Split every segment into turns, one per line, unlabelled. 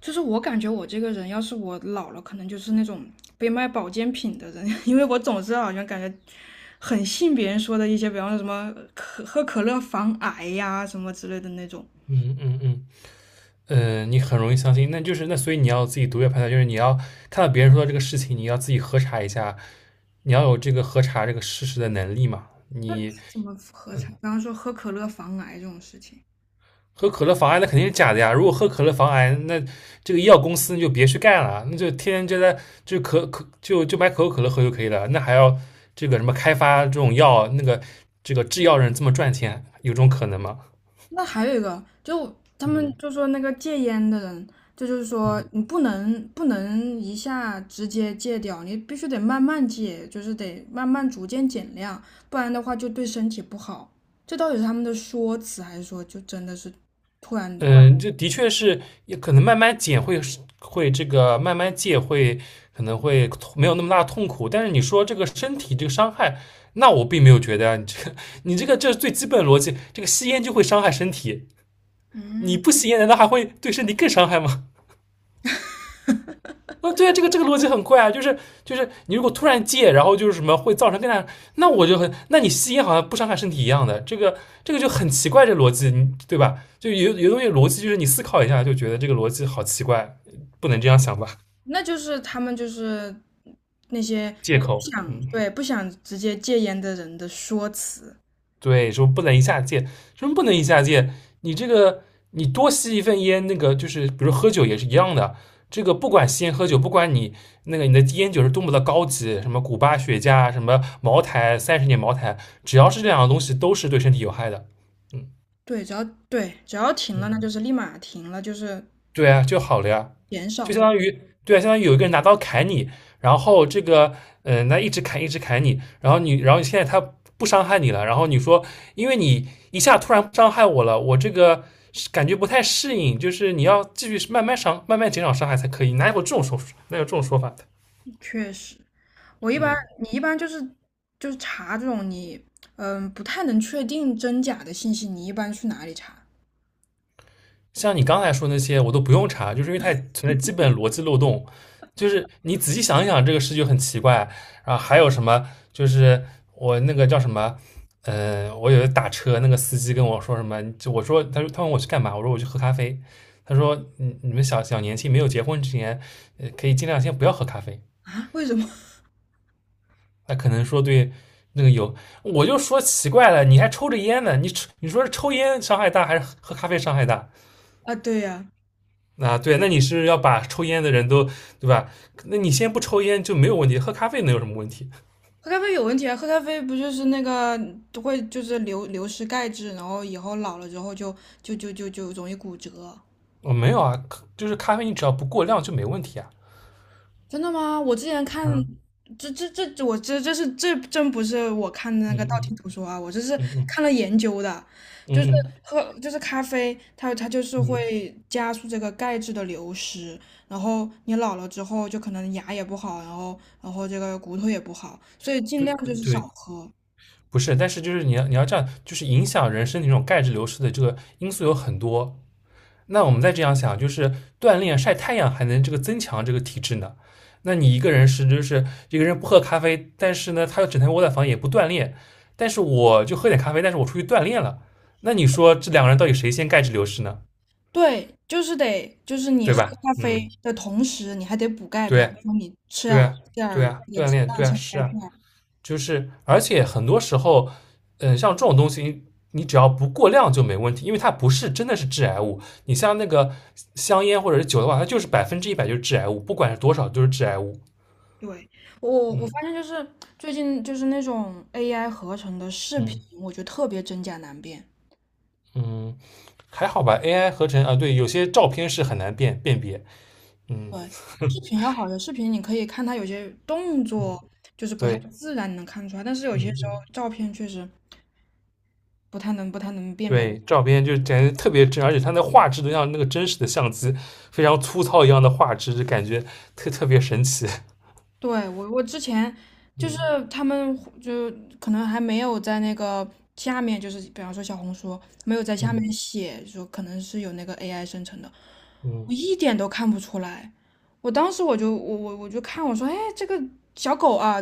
就是我感觉我这个人，要是我老了，可能就是那种被卖保健品的人，因为我总是好像感觉很信别人说的一些，比方说什么可喝可乐防癌呀、什么之类的那种。
嗯嗯嗯，你很容易相信，那就是那所以你要自己独立判断，就是你要看到别人说的这个事情，你要自己核查一下，你要有这个核查这个事实的能力嘛。
那
你
怎么喝才？刚刚说喝可乐防癌这种事情，
喝可乐防癌，那肯定是假的呀。如果喝可乐防癌，那这个医药公司就别去干了，那就天天就在就可可就就买可口可乐喝就可以了。那还要这个什么开发这种药，那个这个制药人这么赚钱，有这种可能吗？
那还有一个，就他们
嗯
就说那个戒烟的人，这就是说你不能一下直接戒掉，你必须得慢慢戒，就是得慢慢逐渐减量，不然的话就对身体不好。这到底是他们的说辞，还是说就真的是突然？
嗯，这的确是，也可能慢慢减会这个慢慢戒会，可能会没有那么大的痛苦。但是你说这个身体这个伤害，那我并没有觉得啊，你这个这是最基本的逻辑，这个吸烟就会伤害身体，你
嗯，
不吸烟难道还会对身体更伤害吗？那对啊，这个逻辑很怪啊，就是你如果突然戒，然后就是什么会造成更大，那我就很，那你吸烟好像不伤害身体一样的，这个就很奇怪，这逻辑对吧？就有东西逻辑就是你思考一下就觉得这个逻辑好奇怪，不能这样想吧？
那就是他们就是那些
借
不
口，
想
嗯，
对不想直接戒烟的人的说辞。
对，说不能一下戒，什么不能一下戒？你这个你多吸一份烟，那个就是比如喝酒也是一样的，这个不管吸烟喝酒，不管你那个你的烟酒是多么的高级，什么古巴雪茄啊，什么茅台，30年茅台，只要是这两个东西，都是对身体有害的。嗯，
对，只要停了，那就是立马停了，就是
对啊，就好了呀，
减
就
少
相
这，
当于对啊，相当于有一个人拿刀砍你，然后这个那一直砍一直砍你，然后现在他不伤害你了，然后你说因为你一下突然伤害我了，我这个是感觉不太适应，就是你要继续慢慢减少伤害才可以，哪有这种说法，哪有这种说法的？
确实。我一般
嗯，
你一般就是查这种你不太能确定真假的信息，你一般去哪里查
像你刚才说那些，我都不用查，就是因为它也存在基本逻辑漏洞。就是你仔细想一想，这个事就很奇怪。然后还有什么？就是我那个叫什么？我有一次打车，那个司机跟我说什么？就我说，他说他问我去干嘛？我说我去喝咖啡。他说，你们小小年轻没有结婚之前，可以尽量先不要喝咖啡。
啊？为什么？
那可能说对，那个有，我就说奇怪了，你还抽着烟呢？你说是抽烟伤害大还是喝咖啡伤害大？
啊？对呀、
啊，对，那你是要把抽烟的人都，对吧？那你先不抽烟就没有问题，喝咖啡能有什么问题？
喝咖啡有问题啊！喝咖啡不就是那个会就是流失钙质，然后以后老了之后就容易骨折。
我没有啊，就是咖啡你只要不过量就没问题啊。
真的吗？我之前看，
啊，
这这这这我这这是这真不是我看的那
嗯
个道
嗯
听途说啊，我这是
嗯嗯
看了研究的，就是
嗯
咖啡，它就是
嗯嗯，
会加速这个钙质的流失，然后你老了之后就可能牙也不好，然后这个骨头也不好，所以尽
对
量就是少
对，
喝。
不是，但是就是你要这样，就是影响人身体这种钙质流失的这个因素有很多。那我们再这样想，就是锻炼晒太阳还能这个增强这个体质呢。那你一个人是就是一个人不喝咖啡，但是呢他又整天窝在房也不锻炼，但是我就喝点咖啡，但是我出去锻炼了。那你说这两个人到底谁先钙质流失呢？
对，就是得就是你
对
喝
吧？
咖
嗯，
啡的同时，你还得补钙，比
对
方
啊，
说你吃点
对
儿吃
啊，
点
对
儿
啊，
这个
锻
鸡
炼，
蛋，
对
吃
啊，
点儿
是
钙
啊。
片。
就是而且很多时候，像这种东西，你只要不过量就没问题，因为它不是真的是致癌物。你像那个香烟或者是酒的话，它就是100%就是致癌物，不管是多少都是致癌物。
对，我
嗯
发现就是最近就是那种 AI 合成的视频，
嗯
我觉得特别真假难辨。
嗯，还好吧，AI 合成啊，对，有些照片是很难辨别。嗯
对，视 频要好的视频，你可以看它有些动
嗯，
作就是不太
对，
自然，能看出来，但是有
嗯
些时候
嗯。
照片确实不太能辨别。
对，照片就感觉特别真，而且它那画质都像那个真实的相机，非常粗糙一样的画质，就感觉特别神奇。
对，我之前 就是
嗯
他们就可能还没有在那个下面，就是比方说小红书没有在下
嗯。
面写说可能是有那个 AI 生成的，我
嗯
一点都看不出来。我当时我就看我说，哎，这个小狗啊，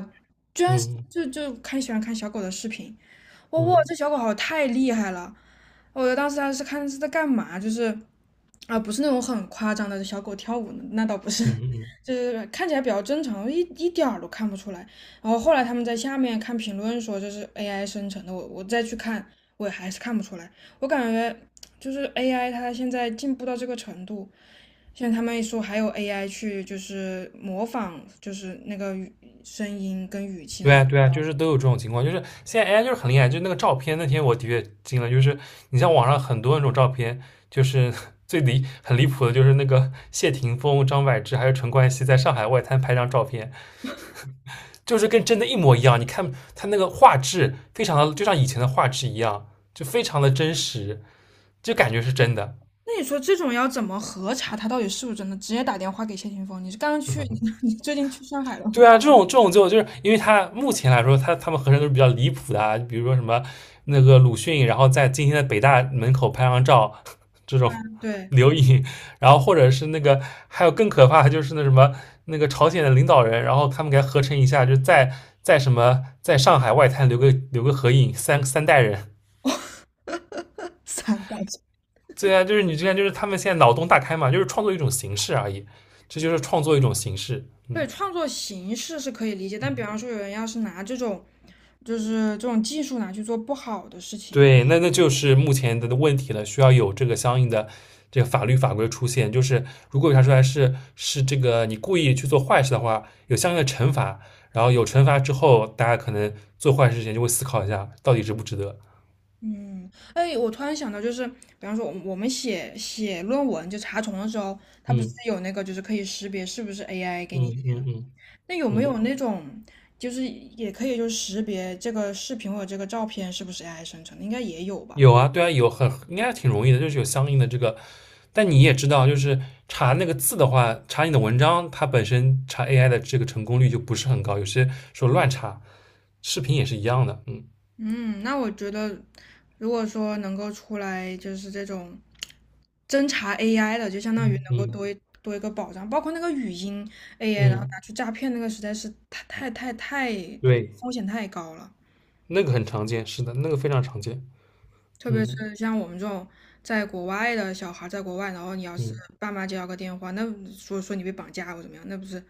居然是
嗯
就看喜欢看小狗的视频，哇哇，这
嗯
小狗好太厉害了，我当时还是看是在干嘛，就是啊，不是那种很夸张的小狗跳舞，那倒不是，
嗯嗯，
就是看起来比较正常，一点儿都看不出来。然后后来他们在下面看评论说这是 AI 生成的，我再去看，我也还是看不出来。我感觉就是 AI 它现在进步到这个程度，现在他们一说还有 AI 去就是模仿，就是那个声音跟语气，然
对
后
啊对啊，就是都有这种情况，就是现在 AI 就是很厉害，就是那个照片，那天我的确惊了，就是你像网上很多那种照片，就是 很离谱的，就是那个 谢霆锋、张柏芝还有陈冠希在上海外滩拍张照片，就是跟真的一模一样，你看他那个画质非常的，就像以前的画质一样，就非常的真实，就感觉是真的，
那你说这种要怎么核查他到底是不是真的？直接打电话给谢霆锋，你是刚刚去，你最近去上海了吗？
对啊，这种这种就就是因为他目前来说，他们合成都是比较离谱的、啊，比如说什么那个鲁迅，然后在今天的北大门口拍张照，这种
对
留影，然后或者是那个还有更可怕的就是那什么那个朝鲜的领导人，然后他们给他合成一下，就在在什么在上海外滩留个合影，三代人，
散打击
对啊，就是你之前就是他们现在脑洞大开嘛，就是创作一种形式而已，这就是创作一种形式，
对，
嗯
创作形式是可以理解，但比
嗯。
方说有人要是拿这种，就是这种技术拿去做不好的事情，
对，那那就是目前的问题了，需要有这个相应的这个法律法规出现。就是如果查出来是这个你故意去做坏事的话，有相应的惩罚，然后有惩罚之后，大家可能做坏事之前就会思考一下，到底值不值得。
嗯，哎，我突然想到，就是比方说我们写写论文就查重的时候，它不是
嗯
有那个就是可以识别是不是 AI 给你，
嗯嗯嗯
那有没
嗯，
有那种就是也可以就是识别这个视频或者这个照片是不是 AI 生成的，应该也有吧？
有啊，对啊，应该挺容易的，就是有相应的这个。但你也知道，就是查那个字的话，查你的文章，它本身查 AI 的这个成功率就不是很高，有些时候乱查，视频也是一样的，嗯。
嗯，那我觉得，如果说能够出来就是这种侦查 AI 的，就相当于能够
嗯
多一个保障，包括那个语音 AI，然后拿
嗯，
去诈骗那个，实在是太太太太
对，
风险太高了。
那个很常见，是的，那个非常常见。
特别
嗯
是像我们这种在国外的小孩，在国外，然后你要是
嗯，
爸妈接到个电话，那说你被绑架或怎么样，那不是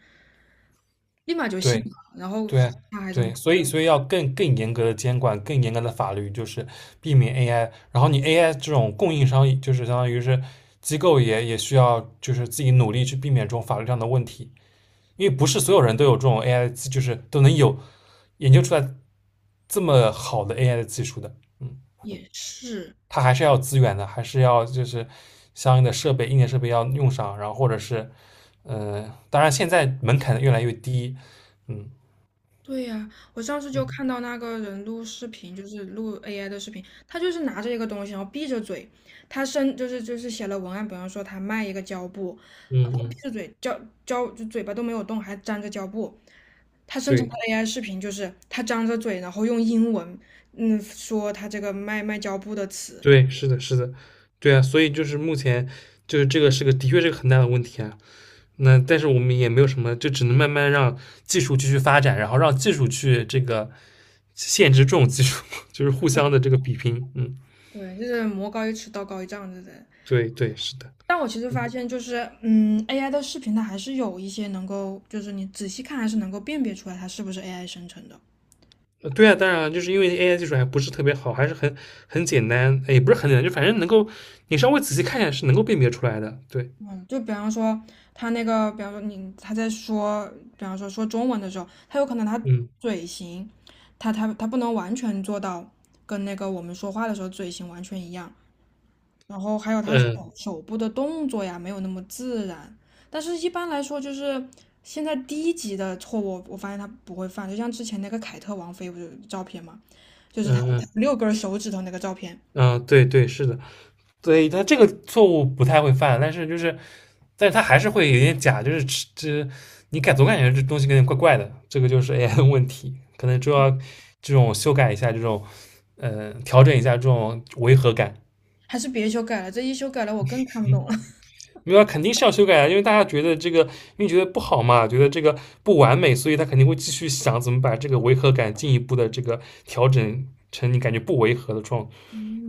立马就信
对
了，然后
对
他还这么
对，所
大，
以所以要更严格的监管，更严格的法律，就是避免 AI。然后你 AI 这种供应商，就是相当于是机构也需要就是自己努力去避免这种法律上的问题，因为不是所有人都有这种 AI 的就是都能有研究出来这么好的 AI 的技术的。嗯。
也是。
它还是要资源的，还是要就是相应的设备、硬件设备要用上，然后或者是，呃，当然现在门槛越来越低，嗯
对呀，我上次就
嗯
看到那个人录视频，就是录 AI 的视频，他就是拿着一个东西，然后闭着嘴，他生就是就是写了文案，比方说他卖一个胶布，
嗯
闭
嗯，
着嘴，胶胶就嘴巴都没有动，还粘着胶布。他生成
对
的 AI 视频就是他张着嘴，然后用英文，说他这个卖胶布的词。
对，是的，是的，对啊，所以就是目前就是这个是个的确是个很大的问题啊。那但是我们也没有什么，就只能慢慢让技术继续发展，然后让技术去这个限制这种技术，就是互
对，
相的这个比拼。嗯，
对，就是魔高一尺，道高一丈，对不对？
对对，是的。
但我其实发现，就是AI 的视频它还是有一些能够，就是你仔细看还是能够辨别出来它是不是 AI 生成的。
对啊，当然啊就是因为 AI 技术还不是特别好，还是很简单，哎也不是很简单，就反正能够你稍微仔细看一下是能够辨别出来的。对，
嗯，就比方说他那个，比方说你他在说，比方说说中文的时候，他有可能他
嗯
嘴型，他不能完全做到跟那个我们说话的时候嘴型完全一样，然后还有他手
嗯
手部的动作呀，没有那么自然。但是一般来说，就是现在低级的错误，我发现他不会犯，就像之前那个凯特王妃不是有照片嘛，就是
嗯
他
嗯
六根手指头那个照片，
嗯，对对是的，对他这个错误不太会犯，但是他还是会有点假，就是这你感总感觉这东西有点怪怪的，这个就是 AI 的问题，可能就要这种修改一下，这种调整一下这种违和感。
还是别修改了，这一修改了我更看不懂了。
没有，肯定是要修改啊，因为大家觉得这个，因为觉得不好嘛，觉得这个不完美，所以他肯定会继续想怎么把这个违和感进一步的这个调整成你感觉不违和的这种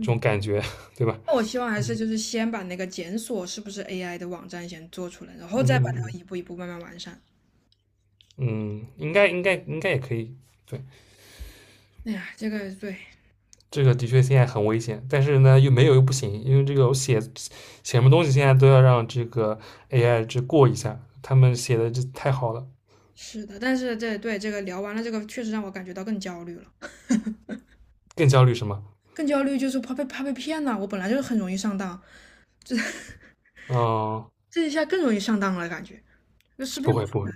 这种感觉，对吧？
那我希望还是就是先把那个检索是不是 AI 的网站先做出来，然后再
嗯
把
嗯
它一步一步慢慢完善。
嗯嗯，应该应该应该也可以。对，
哎呀，这个对，
这个的确现在很危险，但是呢又没有又不行，因为这个我写写什么东西现在都要让这个 AI 这过一下，他们写的这太好了，
是的，但是这对这个聊完了，这个确实让我感觉到更焦虑了，
更焦虑什么？
更焦虑就是怕被骗了。我本来就是很容易上当，这
嗯，
这一下更容易上当了，感觉就识别
不
不
会
出
不会，
来。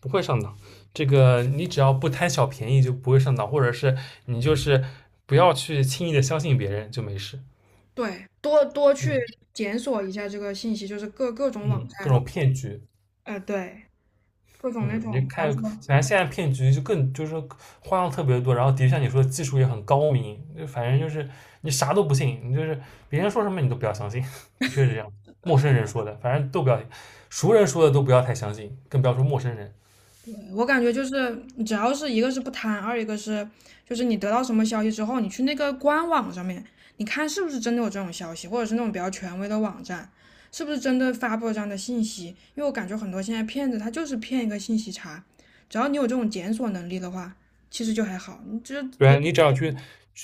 不会上当。这个你只要不贪小便宜，就不会上当，或者是你就是不要去轻易的相信别人，就没事。
对，多多去
嗯
检索一下这个信息，就是各种网
嗯，各
站，
种骗局，
对，各种那
嗯，你
种，比方
看，
说。
反正现在骗局就是说花样特别多，然后的确像你说的技术也很高明，就反正就是你啥都不信，你就是别人说什么你都不要相信，的确是这样。陌生人说的，反正都不要，熟人说的都不要太相信，更不要说陌生人。
我感觉就是，只要是一个是不贪，二一个是就是你得到什么消息之后，你去那个官网上面，你看是不是真的有这种消息，或者是那种比较权威的网站，是不是真的发布了这样的信息？因为我感觉很多现在骗子他就是骗一个信息差，只要你有这种检索能力的话，其实就还好。你就
对啊，
别，
你只要去，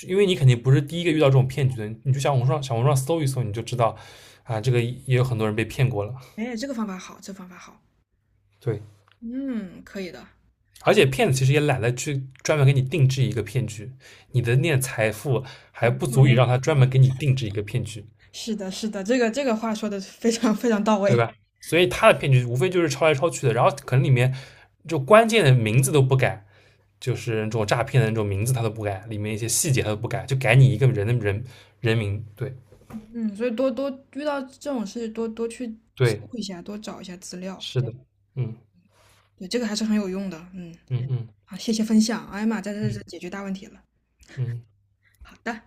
因为你肯定不是第一个遇到这种骗局的，你就小红书上搜一搜，你就知道啊，这个也有很多人被骗过了。
哎，这个方法好，这方法好，
对，
嗯，可以的。
而且骗子其实也懒得去专门给你定制一个骗局，你的那点财富
我
还不
我
足以
那
让他专门给你定制一个骗局，
是的，是的，这个话说的非常非常到
对
位。
吧？所以他的骗局无非就是抄来抄去的，然后可能里面就关键的名字都不改，就是这种诈骗的那种名字他都不改，里面一些细节他都不改，就改你一个人的人名。对
嗯，所以多多遇到这种事，多多去搜
对，
一下，多找一下资料，
是的，嗯
对，这个还是很有用的。嗯，
嗯嗯。
好，谢谢分享。哎呀妈，这
嗯
解决大问题了。
嗯，
好的。